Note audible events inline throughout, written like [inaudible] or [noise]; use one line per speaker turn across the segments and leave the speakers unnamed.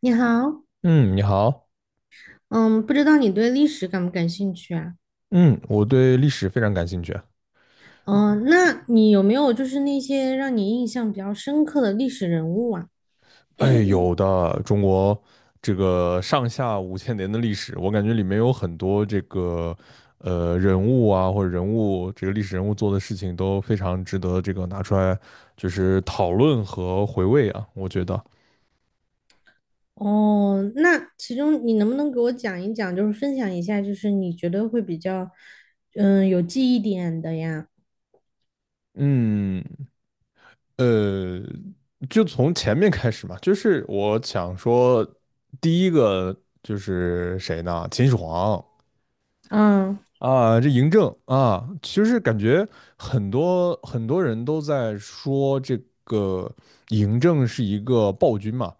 你好，
嗯，你好。
嗯，不知道你对历史感不感兴趣啊？
嗯，我对历史非常感兴趣啊。
嗯，那你有没有就是那些让你印象比较深刻的历史人物啊？
哎，有的，中国这个上下五千年的历史，我感觉里面有很多这个人物啊，或者人物这个历史人物做的事情都非常值得这个拿出来就是讨论和回味啊。我觉得，
哦，那其中你能不能给我讲一讲，就是分享一下，就是你觉得会比较，嗯，有记忆点的呀？
嗯，呃，就从前面开始嘛，就是我想说，第一个就是谁呢？秦始皇。
嗯，
啊，这嬴政啊，其实感觉很多很多人都在说这个嬴政是一个暴君嘛，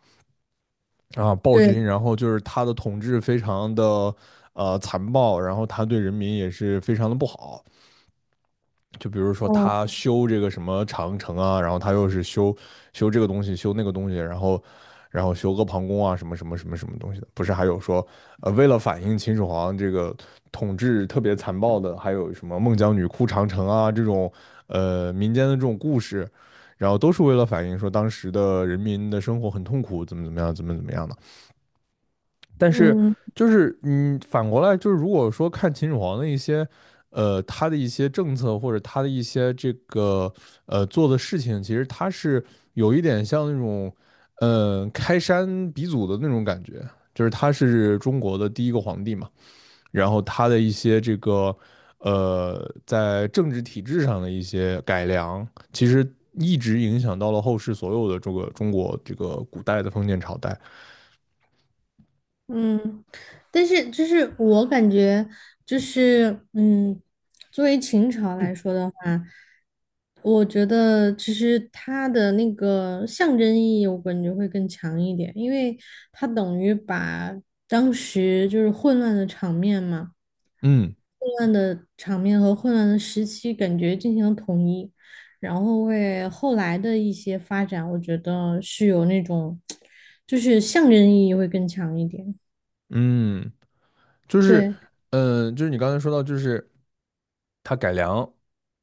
啊，暴
对，
君，然后就是他的统治非常的残暴，然后他对人民也是非常的不好，就比如说
哦，
他修这个什么长城啊，然后他又是修这个东西，修那个东西，然后修阿房宫啊，什么什么什么什么东西的，不是还有说，为了反映秦始皇这个统治特别残暴的，还有什么孟姜女哭长城啊这种，民间的这种故事，然后都是为了反映说当时的人民的生活很痛苦，怎么怎么样，怎么怎么样的。但是
嗯。
就是反过来就是，如果说看秦始皇的一些，他的一些政策或者他的一些这个做的事情，其实他是有一点像那种，开山鼻祖的那种感觉，就是他是中国的第一个皇帝嘛，然后他的一些这个在政治体制上的一些改良，其实一直影响到了后世所有的这个中国这个古代的封建朝代。
嗯，但是就是我感觉就是嗯，作为秦朝来说的话，我觉得其实它的那个象征意义，我感觉会更强一点，因为它等于把当时就是混乱的场面嘛，
嗯
混乱的场面和混乱的时期感觉进行了统一，然后为后来的一些发展，我觉得是有那种 [tsk] 就是象征意义会更强一点。
嗯。就是，
对，
就是你刚才说到，就是它改良，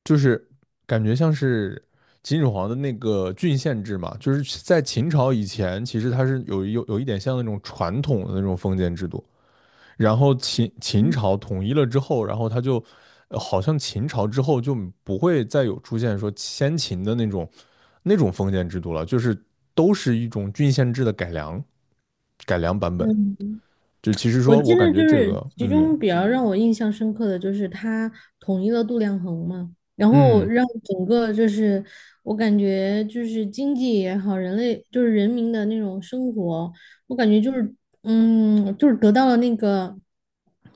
就是感觉像是秦始皇的那个郡县制嘛，就是在秦朝以前，其实它是有一点像那种传统的那种封建制度，然后秦
嗯
朝统一了之后，然后它就，好像秦朝之后就不会再有出现说先秦的那种封建制度了，就是都是一种郡县制的改良版本，
嗯，
就其实
我
说
记
我感
得就
觉这
是
个。
其
嗯。
中比较让我印象深刻的就是他统一了度量衡嘛，然后
嗯
让整个就是我感觉就是经济也好，人类就是人民的那种生活，我感觉就是得到了那个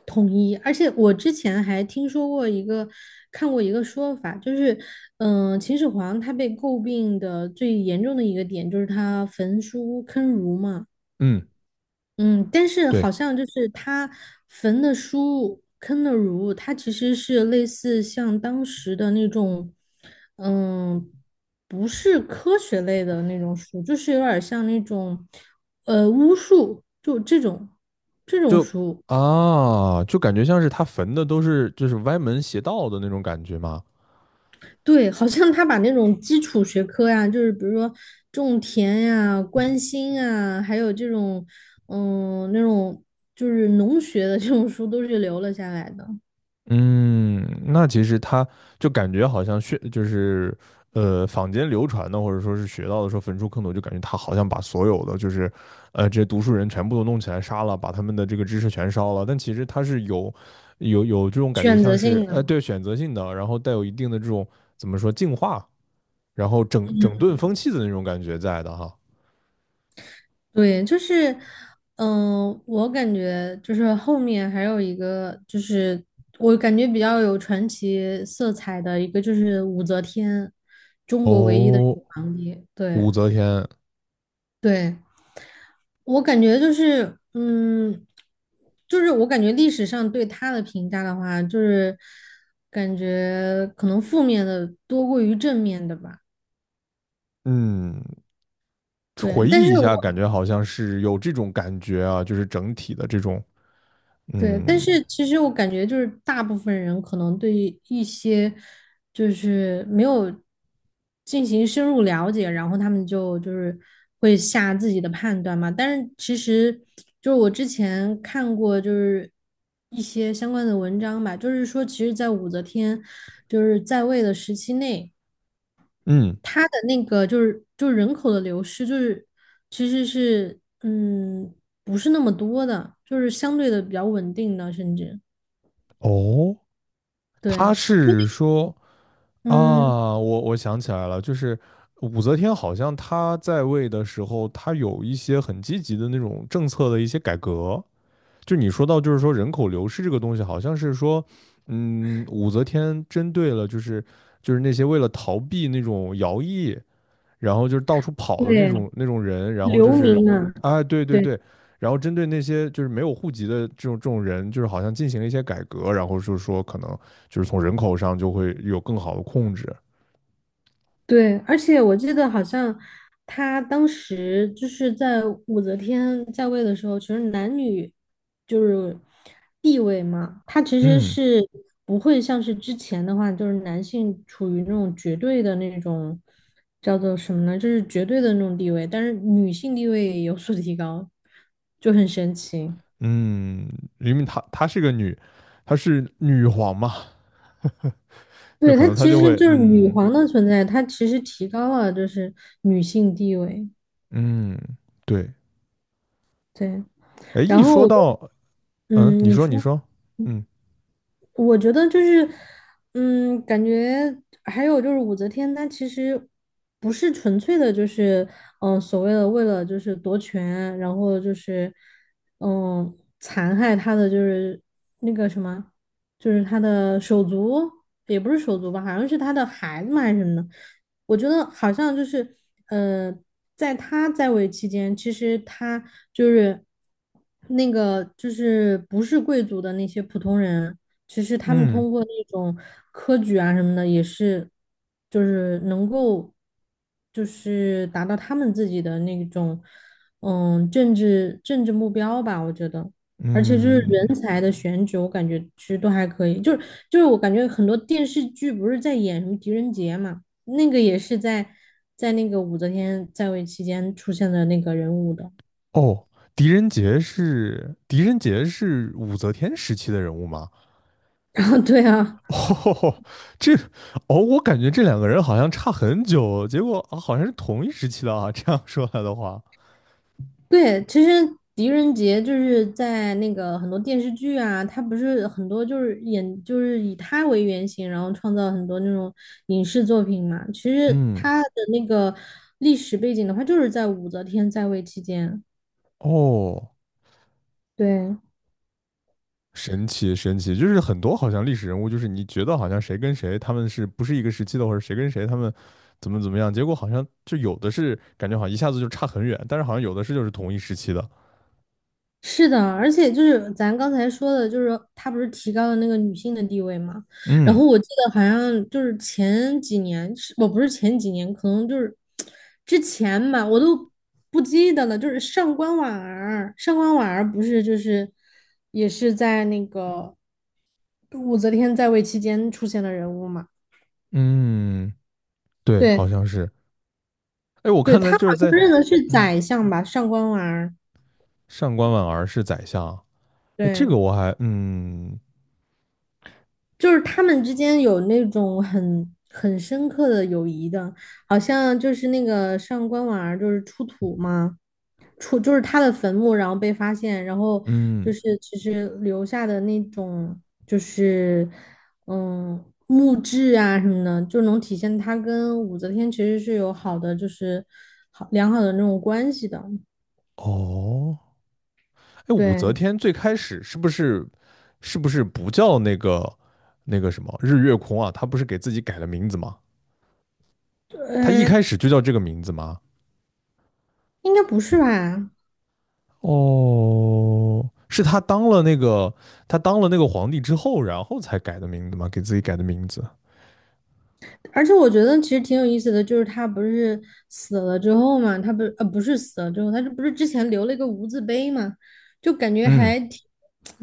统一，而且我之前还听说过一个看过一个说法，就是秦始皇他被诟病的最严重的一个点就是他焚书坑儒嘛。
嗯，
嗯，但是好
对，
像就是他焚的书《坑的儒》，它其实是类似像当时的那种，嗯，不是科学类的那种书，就是有点像那种，巫术，就这种
就
书。
感觉像是他焚的都是就是歪门邪道的那种感觉嘛。
对，好像他把那种基础学科呀，就是比如说种田呀、关心啊，还有这种，嗯，那种就是农学的这种书，都是留了下来的，
嗯，那其实他就感觉好像学就是坊间流传的或者说是学到的说焚书坑儒，就感觉他好像把所有的就是这些读书人全部都弄起来杀了，把他们的这个知识全烧了。但其实他是有这种感觉，
选
像
择
是
性的。
对选择性的，然后带有一定的这种怎么说净化，然后整顿风气的那种感觉在的哈。
对，就是，我感觉就是后面还有一个，就是我感觉比较有传奇色彩的一个，就是武则天
哦，
皇帝。对
武则天。
对，我感觉就是，嗯，就是我感觉历史上对她的评价的话，就是感觉可能负面的多过于正面的吧。
嗯，
对，
回
但
忆
是
一下，
我。
感觉好像是有这种感觉啊，就是整体的这种。
对，但
嗯
是其实我感觉就是大部分人可能对于一些就是没有进行深入了解，然后他们就是会下自己的判断嘛。但是其实就是我之前看过就是一些相关的文章吧，就是说其实，在武则天就是在位的时期内，
嗯。
她的那个就是人口的流失，其实是不是那么多的，就是相对的比较稳定的，甚至。
哦，
对，
他
因为
是说。啊，
嗯，
我想起来了，就是武则天好像她在位的时候，她有一些很积极的那种政策的一些改革。就你说到，就是说人口流失这个东西，好像是说，武则天针对了，就是那些为了逃避那种徭役，然后就是到处跑的那
对，
种人，然后就
流
是
民啊，
啊，对对
对
对，然后针对那些就是没有户籍的这种人，就是好像进行了一些改革，然后就是说可能就是从人口上就会有更好的控制。
对，而且我记得好像他当时就是在武则天在位的时候，其实男女就是地位嘛，他其实
嗯
是不会像是之前的话，就是男性处于那种绝对的那种叫做什么呢，就是绝对的那种地位，但是女性地位有所提高，就很神奇。
嗯。因为她是个女，她是女皇嘛，就
对，
可
她
能她
其
就
实
会。
就是女
嗯
皇的存在，她其实提高了就是女性地位。
嗯。对。
对，
哎，一
然后
说
我就，
到。
嗯，
你
你
说你
说。
说。嗯
我觉得就是，嗯，感觉还有就是武则天，她其实不是纯粹的，就是所谓的为了就是夺权，然后就是嗯、残害她的就是那个什么，就是她的手足，也不是手足吧，好像是她的孩子嘛还是什么的。我觉得好像就是呃，在她在位期间，其实她就是那个就是不是贵族的那些普通人。其实他们
嗯
通过那种科举啊什么的，也是就是能够就是达到他们自己的那种政治目标吧，我觉得。而且就是
嗯。
人才的选举，我感觉其实都还可以。就是我感觉很多电视剧不是在演什么狄仁杰嘛，那个也是在那个武则天在位期间出现的那个人物的。
哦，狄仁杰是武则天时期的人物吗？
[laughs] 然后对啊。
[laughs] 哦，这哦，我感觉这两个人好像差很久，结果啊，好像是同一时期的啊。这样说来的话，
对，其实狄仁杰就是在那个很多电视剧啊，他不是很多就是演就是以他为原型，然后创造很多那种影视作品嘛。其实
嗯，
他的那个历史背景的话，就是在武则天在位期间。
哦，
对，
神奇神奇，就是很多好像历史人物，就是你觉得好像谁跟谁他们是不是一个时期的，或者谁跟谁他们怎么怎么样，结果好像就有的是感觉好像一下子就差很远，但是好像有的是就是同一时期的。
是的，而且就是咱刚才说的，就是他不是提高了那个女性的地位嘛？然
嗯
后我记得好像就是前几年，是我不是前几年，可能就是之前吧，我都不记得了。就是上官婉儿，上官婉儿不是就是也是在那个武则天在位期间出现的人物嘛？
嗯，对，
对，
好像是。哎，我
对，
看在
她好
就是
像
在。
认的是
嗯，
宰相吧，上官婉儿。
上官婉儿是宰相。哎，这
对。
个我还。嗯
就是他们之间有那种很深刻的友谊的，好像就是那个上官婉儿就是出土嘛，出就是他的坟墓，然后被发现，然后
嗯。
就是其实留下的那种就是墓志啊什么的，就能体现他跟武则天其实是有好的就是好良好的那种关系的。
哦。哎，武则
对，
天最开始是不是是不是不叫那个什么日月空啊？她不是给自己改了名字吗？她一
呃，
开始就叫这个名字吗？
应该不是吧？
哦，是她当了那个皇帝之后，然后才改的名字吗？给自己改的名字？
而且我觉得其实挺有意思的，就是他不是死了之后嘛，他不是死了之后，他这不是之前留了一个无字碑嘛，就感觉
嗯
还挺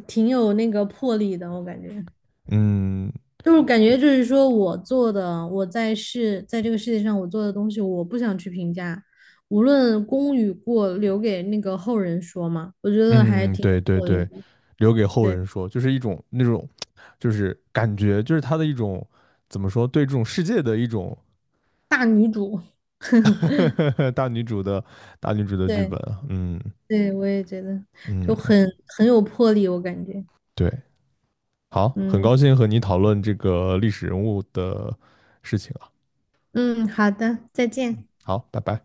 挺有那个魄力的，我感觉
嗯
就是感觉就是说我做的，我在世在这个世界上我做的东西，我不想去评价，无论功与过，留给那个后人说嘛，我觉得还
嗯，
挺有
对对
魄力
对。
的，
留给后
对，
人说，就是一种那种就是感觉就是他的一种怎么说对这种世界的一种
大女主，
[laughs] 大女主的大女主的剧
对
本啊。嗯
对，我也觉得就
嗯，
很有魄力，我感觉，
对，好，很
嗯。
高兴和你讨论这个历史人物的事情啊，
嗯，好的，再见。
好，拜拜。